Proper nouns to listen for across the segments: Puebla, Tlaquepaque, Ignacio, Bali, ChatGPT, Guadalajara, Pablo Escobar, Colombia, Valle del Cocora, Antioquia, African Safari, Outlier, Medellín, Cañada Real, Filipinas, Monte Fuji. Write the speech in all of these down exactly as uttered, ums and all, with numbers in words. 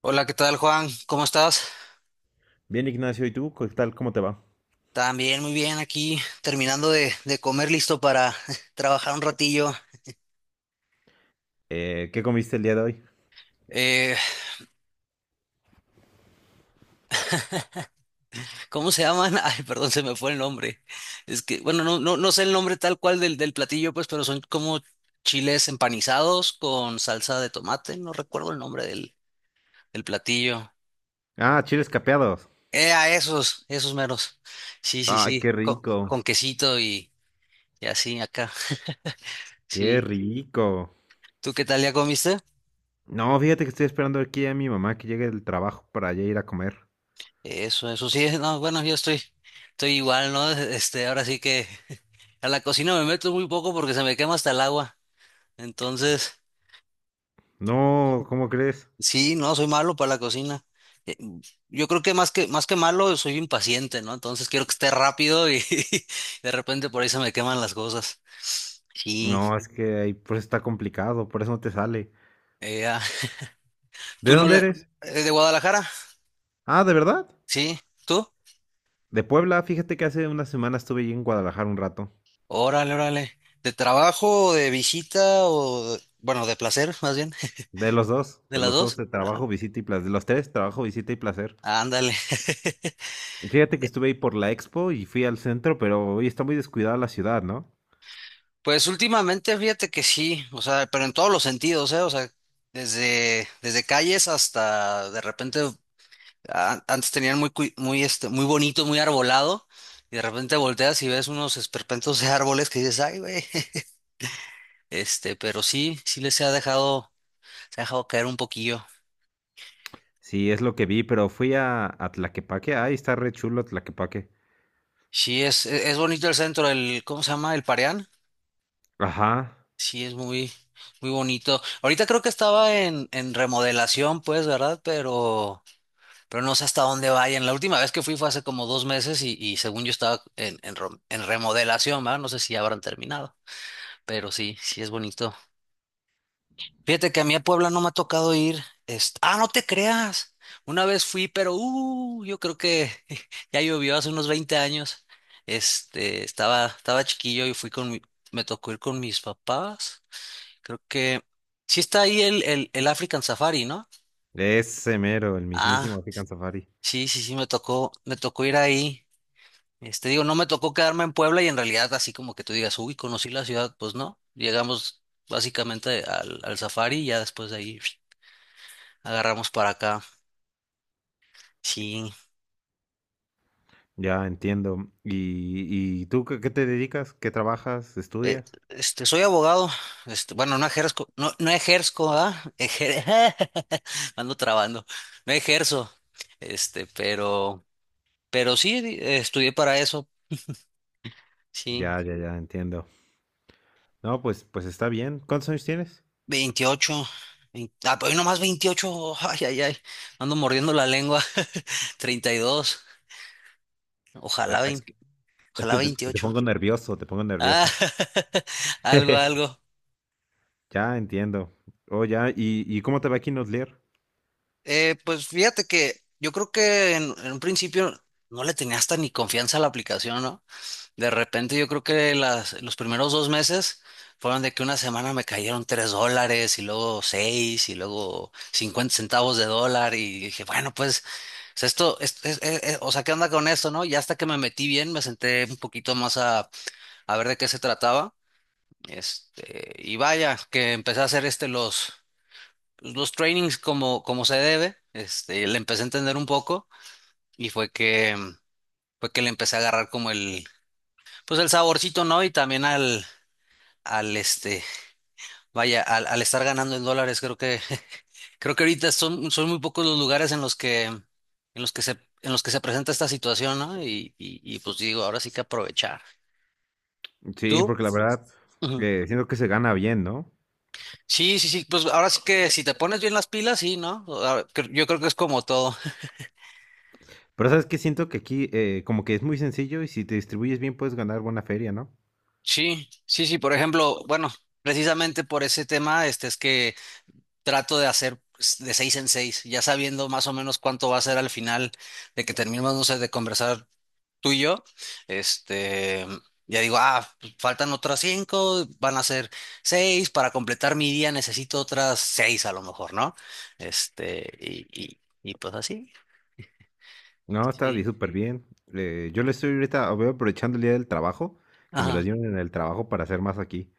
Hola, ¿qué tal, Juan? ¿Cómo estás? Bien, Ignacio, ¿y tú? ¿Qué tal? ¿Cómo te va? También muy bien aquí, terminando de, de comer, listo para trabajar un ratillo. Eh, ¿qué comiste el día de hoy? Eh, ¿Cómo se llaman? Ay, perdón, se me fue el nombre. Es que, bueno, no, no, no sé el nombre tal cual del, del platillo, pues, pero son como chiles empanizados con salsa de tomate. No recuerdo el nombre del, del platillo. Ah, chiles capeados. Eh, a esos, esos meros. Sí, sí, Ay, sí, qué con, con rico. quesito y, y así acá. Qué Sí. rico. ¿Tú qué tal ya comiste? No, fíjate que estoy esperando aquí a mi mamá que llegue del trabajo para ya ir a comer. Eso, eso sí, no, bueno, yo estoy, estoy igual, ¿no? Este, ahora sí que a la cocina me meto muy poco porque se me quema hasta el agua. Entonces, No, ¿cómo crees? sí, no, soy malo para la cocina. Eh, Yo creo que más que, más que malo, soy impaciente, ¿no? Entonces quiero que esté rápido y de repente por ahí se me queman las cosas. Sí, No, es que ahí por eso está complicado, por eso no te sale. eh, ah, ¿De ¿tú no dónde le, eres? eh, de Guadalajara? Ah, ¿de verdad? Sí, ¿tú? De Puebla, fíjate que hace una semana estuve allí en Guadalajara un rato. Órale, órale. ¿De trabajo, de visita o, de- bueno, de placer, más bien, De los dos, de de las los dos, dos? de trabajo, Ah, visita y placer. De los tres, trabajo, visita y placer. ándale. Fíjate que estuve ahí por la expo y fui al centro, pero hoy está muy descuidada la ciudad, ¿no? Pues últimamente fíjate que sí, o sea, pero en todos los sentidos, ¿eh? O sea, desde, desde calles hasta de repente, a- antes tenían muy, cui- muy, este, muy bonito, muy arbolado, y de repente volteas y ves unos esperpentos de árboles que dices, ay, güey, este, pero sí, sí les se ha dejado, se ha dejado caer un poquillo. Sí, es lo que vi, pero fui a, a Tlaquepaque. Ay, está re chulo Tlaquepaque. Sí, es, e- es bonito el centro, el, ¿cómo se llama? El Pareán. Ajá, Sí, es muy, muy bonito. Ahorita creo que estaba en, en remodelación, pues, ¿verdad? Pero... pero no sé hasta dónde vayan. La última vez que fui fue hace como dos meses y, y según yo estaba en, en, rom- en remodelación, ¿verdad? No sé si ya habrán terminado, pero sí, sí es bonito. Fíjate que a mí a Puebla no me ha tocado ir. est- Ah, no te creas. Una vez fui, pero uh, yo creo que ya llovió hace unos veinte años. Este, estaba, estaba chiquillo y fui con mi- me tocó ir con mis papás. Creo que sí está ahí el, el, el African Safari, ¿no? ese mero, el mismísimo Ah, African Safari. sí, sí, sí, me tocó, me tocó ir ahí. Este, digo, no me tocó quedarme en Puebla y en realidad así como que tú digas, uy, conocí la ciudad, pues no. Llegamos básicamente al, al safari y ya después de ahí agarramos para acá. Sí, Ya entiendo. ¿Y, y tú qué, qué te dedicas? ¿Qué trabajas? eh, ¿Estudias? este, soy abogado, este, bueno, no ejerzo, no, no ejerzo, ¿ah? Ejer- Ando trabando, no ejerzo, este, pero, pero sí, di- eh, estudié para eso, sí, Ya, ya, ya, entiendo. No, pues, pues está bien. ¿Cuántos años tienes? veintiocho vein- ah, pero hoy nomás veintiocho ay, ay, ay, ando mordiendo la lengua, treinta y dos Ojalá, Ah, es vein- que, es ojalá que te, que te veintiocho. pongo nervioso, te pongo Ah, nervioso. algo, algo. Ya entiendo. Oh, ya, ¿y, y cómo te va aquí en Outlier? Eh, pues fíjate que yo creo que en, en un principio no le tenía hasta ni confianza a la aplicación, ¿no? De repente yo creo que las, los primeros dos meses fueron de que una semana me cayeron tres dólares y luego seis y luego cincuenta centavos de dólar y dije, bueno, pues es esto, es- es- es- es- o sea, ¿qué onda con esto, no? Y hasta que me metí bien, me senté un poquito más a, a ver de qué se trataba. Este, y vaya, que empecé a hacer este los, pues, los trainings como, como se debe. Este, le empecé a entender un poco y fue que, mm, fue que le empecé a agarrar como el, pues el saborcito, ¿no? Y también al, al este, vaya, al, al estar ganando en dólares, creo que, creo que ahorita son, son muy pocos los lugares en los que, en los que se, en los que se presenta esta situación, ¿no? Y, y, y pues digo, ahora sí que aprovechar. Sí, ¿Tú? porque la verdad, Ujú. eh, siento que se gana bien, ¿no? Sí, sí, sí, pues ahora sí que si te pones bien las pilas, sí, ¿no? Ahora, cre- yo creo que es como todo. Pero sabes que siento que aquí eh, como que es muy sencillo y si te distribuyes bien puedes ganar buena feria, ¿no? Sí, sí, sí, por ejemplo, bueno, precisamente por ese tema, este es que trato de hacer pues, de seis en seis, ya sabiendo más o menos cuánto va a ser al final de que terminemos, no sé, de conversar tú y yo, este, ya digo, ah, pues, faltan otras cinco, van a ser seis, para completar mi día necesito otras seis a lo mejor, ¿no? Este, y, y, y pues así, No, está bien, sí, súper bien. Eh, yo le estoy ahorita, voy aprovechando el día del trabajo, que me lo dieron en el trabajo para hacer más aquí.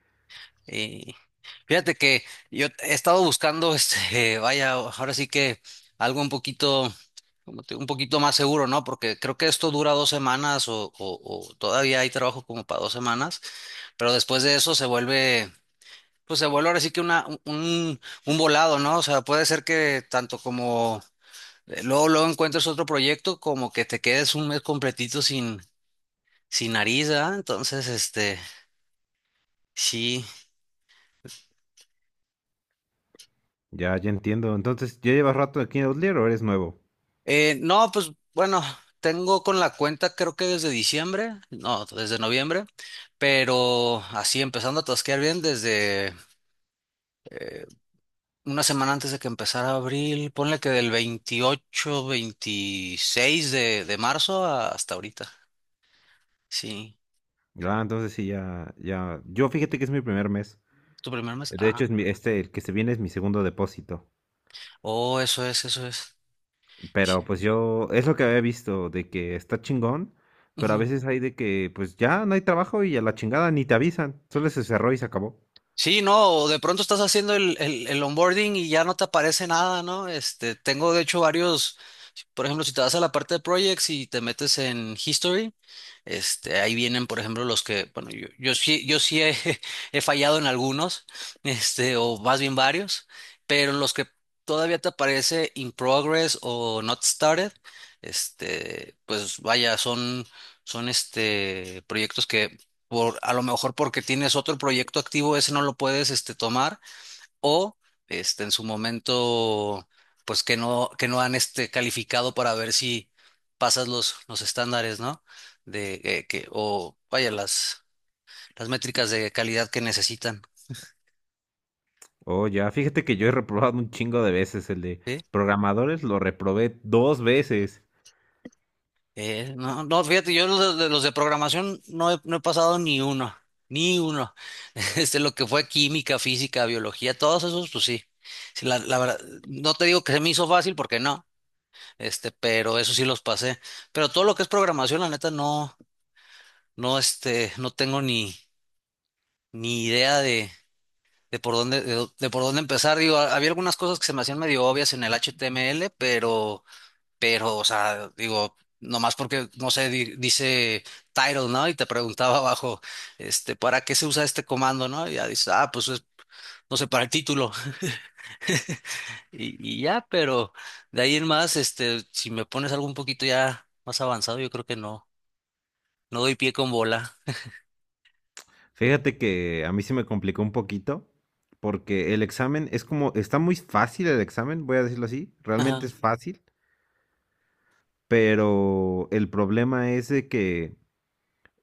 y fíjate que yo he estado buscando, este, vaya, ahora sí que algo un poquito, como te- un poquito más seguro, ¿no? Porque creo que esto dura dos semanas o, o- o todavía hay trabajo como para dos semanas, pero después de eso se vuelve, pues se vuelve ahora sí que una, un, un volado, ¿no? O sea, puede ser que tanto como eh, luego, luego encuentres otro proyecto, como que te quedes un mes completito sin, sin nariz, ¿ah? Entonces, este, sí. Ya, ya entiendo. Entonces, ¿ya llevas rato aquí en Outlier o eres nuevo? Eh, no, pues bueno, tengo con la cuenta creo que desde diciembre, no, desde noviembre, pero así empezando a tosquear bien desde una semana antes de que empezara abril, ponle que del veintiocho veintiséis de, de marzo a- hasta ahorita. Sí, Ah, entonces sí, ya, ya. Yo fíjate que es mi primer mes. ¿tu primer mes? De hecho, Ah, es mi, este, el que se viene es mi segundo depósito. oh, eso es, eso es. Pero Sí. pues yo, es lo que había visto, de que está chingón, pero a veces hay de que pues ya no hay trabajo y a la chingada ni te avisan, solo se cerró y se acabó. Sí, no, o de pronto estás haciendo el, el, el onboarding y ya no te aparece nada, ¿no? Este, tengo de hecho varios, por ejemplo, si te vas a la parte de projects y te metes en history, este, ahí vienen, por ejemplo, los que, bueno, yo, yo sí, yo sí he, he fallado en algunos, este, o más bien varios, pero en los que todavía te aparece in progress o not started, este, pues vaya, son, son este, proyectos que por, a lo mejor porque tienes otro proyecto activo, ese no lo puedes este, tomar, o este, en su momento, pues que no, que no han este, calificado para ver si pasas los, los estándares, ¿no? De eh, que, o vaya, las, las métricas de calidad que necesitan. Oh, ya, fíjate que yo he reprobado un chingo de veces el de ¿Sí? programadores, lo reprobé dos veces. Eh, no, no, fíjate, yo los de, los de programación no he, no he pasado ni uno, ni uno. Este, lo que fue química, física, biología, todos esos, pues sí. Sí, la, la verdad, no te digo que se me hizo fácil porque no, Este, pero eso sí los pasé. Pero todo lo que es programación, la neta, no, no, este, no tengo ni, ni idea de, de por dónde, de, dó- de por dónde empezar. Digo, ha- había algunas cosas que se me hacían medio obvias en el H T M L, pero, pero, o sea, digo, nomás porque, no sé, di- dice title, ¿no? Y te preguntaba abajo, este, ¿para qué se usa este comando, no? Y ya dices, ah, pues es, no sé, para el título. Y, y ya, pero de ahí en más, este, si me pones algo un poquito ya más avanzado, yo creo que no, no doy pie con bola. Fíjate que a mí se me complicó un poquito, porque el examen es como, está muy fácil el examen, voy a decirlo así, realmente Ajá, es fácil, pero el problema es de que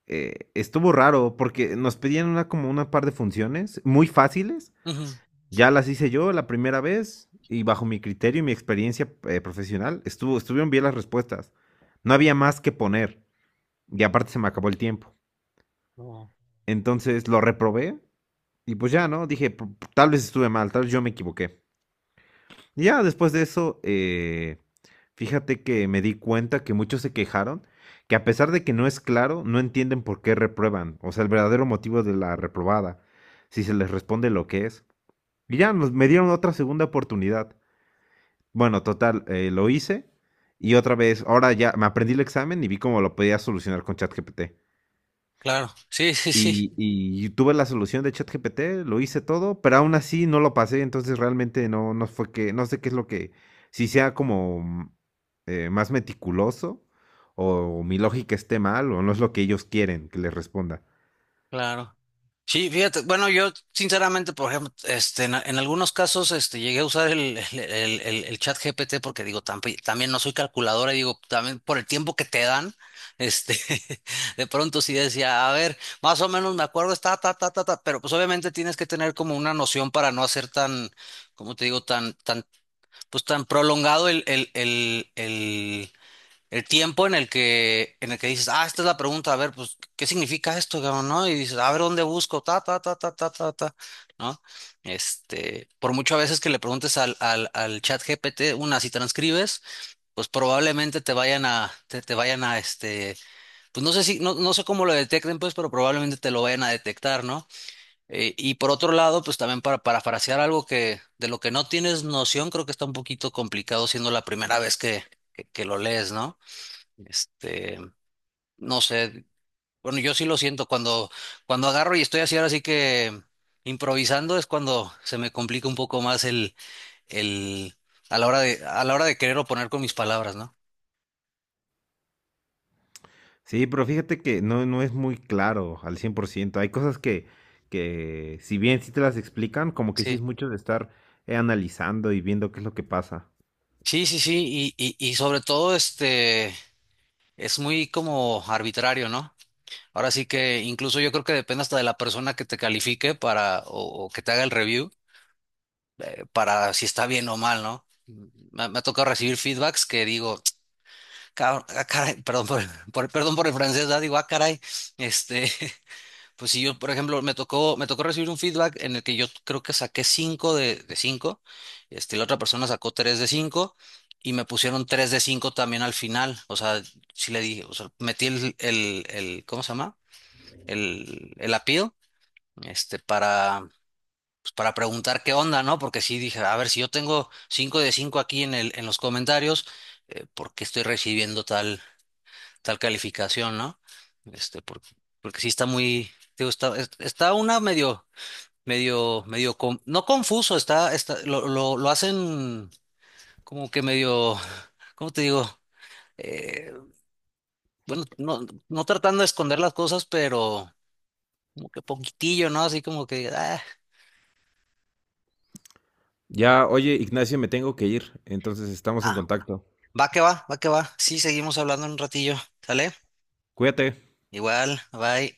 eh, estuvo raro porque nos pedían una como una par de funciones muy fáciles. ujú, Ya las hice yo la primera vez y bajo mi criterio y mi experiencia eh, profesional estuvo, estuvieron bien las respuestas. No había más que poner y aparte se me acabó el tiempo. no, Entonces lo reprobé y pues ya, ¿no? Dije, tal vez estuve mal, tal vez yo me equivoqué. Y ya después de eso, eh, fíjate que me di cuenta que muchos se quejaron, que a pesar de que no es claro, no entienden por qué reprueban, o sea, el verdadero motivo de la reprobada, si se les responde lo que es. Y ya nos, me dieron otra segunda oportunidad. Bueno, total, eh, lo hice y otra vez, ahora ya me aprendí el examen y vi cómo lo podía solucionar con ChatGPT. claro, sí, sí, sí, Y, y tuve la solución de ChatGPT, lo hice todo, pero aún así no lo pasé, entonces realmente no, no fue que, no sé qué es lo que, si sea como mm, eh, más meticuloso o mi lógica esté mal o no es lo que ellos quieren que les responda. claro. Sí, fíjate, bueno, yo sinceramente, por ejemplo, este, en, en algunos casos, este, llegué a usar el, el, el, el- el chat G P T porque digo, tamp- también no soy calculadora y digo, también por el tiempo que te dan, este, de pronto sí decía, a ver, más o menos me acuerdo, está, ta, ta, ta, ta, pero pues obviamente tienes que tener como una noción para no hacer tan, como te digo, tan, tan, pues tan prolongado el, el, el, el el tiempo en el que, en el que dices, ah, esta es la pregunta, a ver, pues, ¿qué significa esto, cabrón, no? Y dices, a ver, ¿dónde busco? Ta, ta, ta, ta, ta, ta, ta, ¿no? Este, por mucho a veces que le preguntes al, al, al chat G P T, una, si transcribes, pues probablemente te vayan a, te, te vayan a, este, pues no sé si, no, no sé cómo lo detecten, pues, pero probablemente te lo vayan a detectar, ¿no? Eh, y por otro lado, pues también para parafrasear algo que, de lo que no tienes noción, creo que está un poquito complicado siendo la primera vez que, que que lo lees, ¿no? Este, no sé, bueno, yo sí lo siento cuando, cuando agarro y estoy así ahora sí que improvisando es cuando se me complica un poco más el, el, a la hora de, a la hora de querer oponer con mis palabras, ¿no? Sí, pero fíjate que no, no es muy claro al cien por ciento. Hay cosas que, que si bien sí te las explican, como que sí es Sí. mucho de estar eh, analizando y viendo qué es lo que pasa. Sí, sí, sí, y, y, y sobre todo este, es muy como arbitrario, ¿no? Ahora sí que incluso yo creo que depende hasta de la persona que te califique para, o, o que te haga el review, eh, para si está bien o mal, ¿no? Mm, Me, me ha tocado recibir feedbacks que digo, Ca- ah, caray, perdón por, por- perdón por el francés, ¿verdad? Digo, ah, caray, este, pues si yo, por ejemplo, me tocó, me tocó recibir un feedback en el que yo creo que saqué cinco de, de cinco, este, la otra persona sacó tres de cinco y me pusieron tres de cinco también al final, o sea, sí le dije, o sea, metí el, el, el- ¿cómo se llama? El, el appeal, este, para, pues, para preguntar qué onda, ¿no? Porque sí dije, a ver, si yo tengo cinco de cinco aquí en el, en los comentarios, eh, ¿por qué estoy recibiendo tal? tal calificación, ¿no? Este, porque, porque sí está muy, digo, está, es- está una medio, medio, medio, con- no confuso, está, está, lo, lo, lo hacen como que medio, ¿cómo te digo? Eh, bueno, no, no tratando de esconder las cosas, pero como que poquitillo, ¿no? Así como que, ah, Ya, oye, Ignacio, me tengo que ir, entonces estamos en ah, contacto. va que va, va que va. Sí, seguimos hablando en un ratillo, ¿sale? Cuídate. Igual, bye.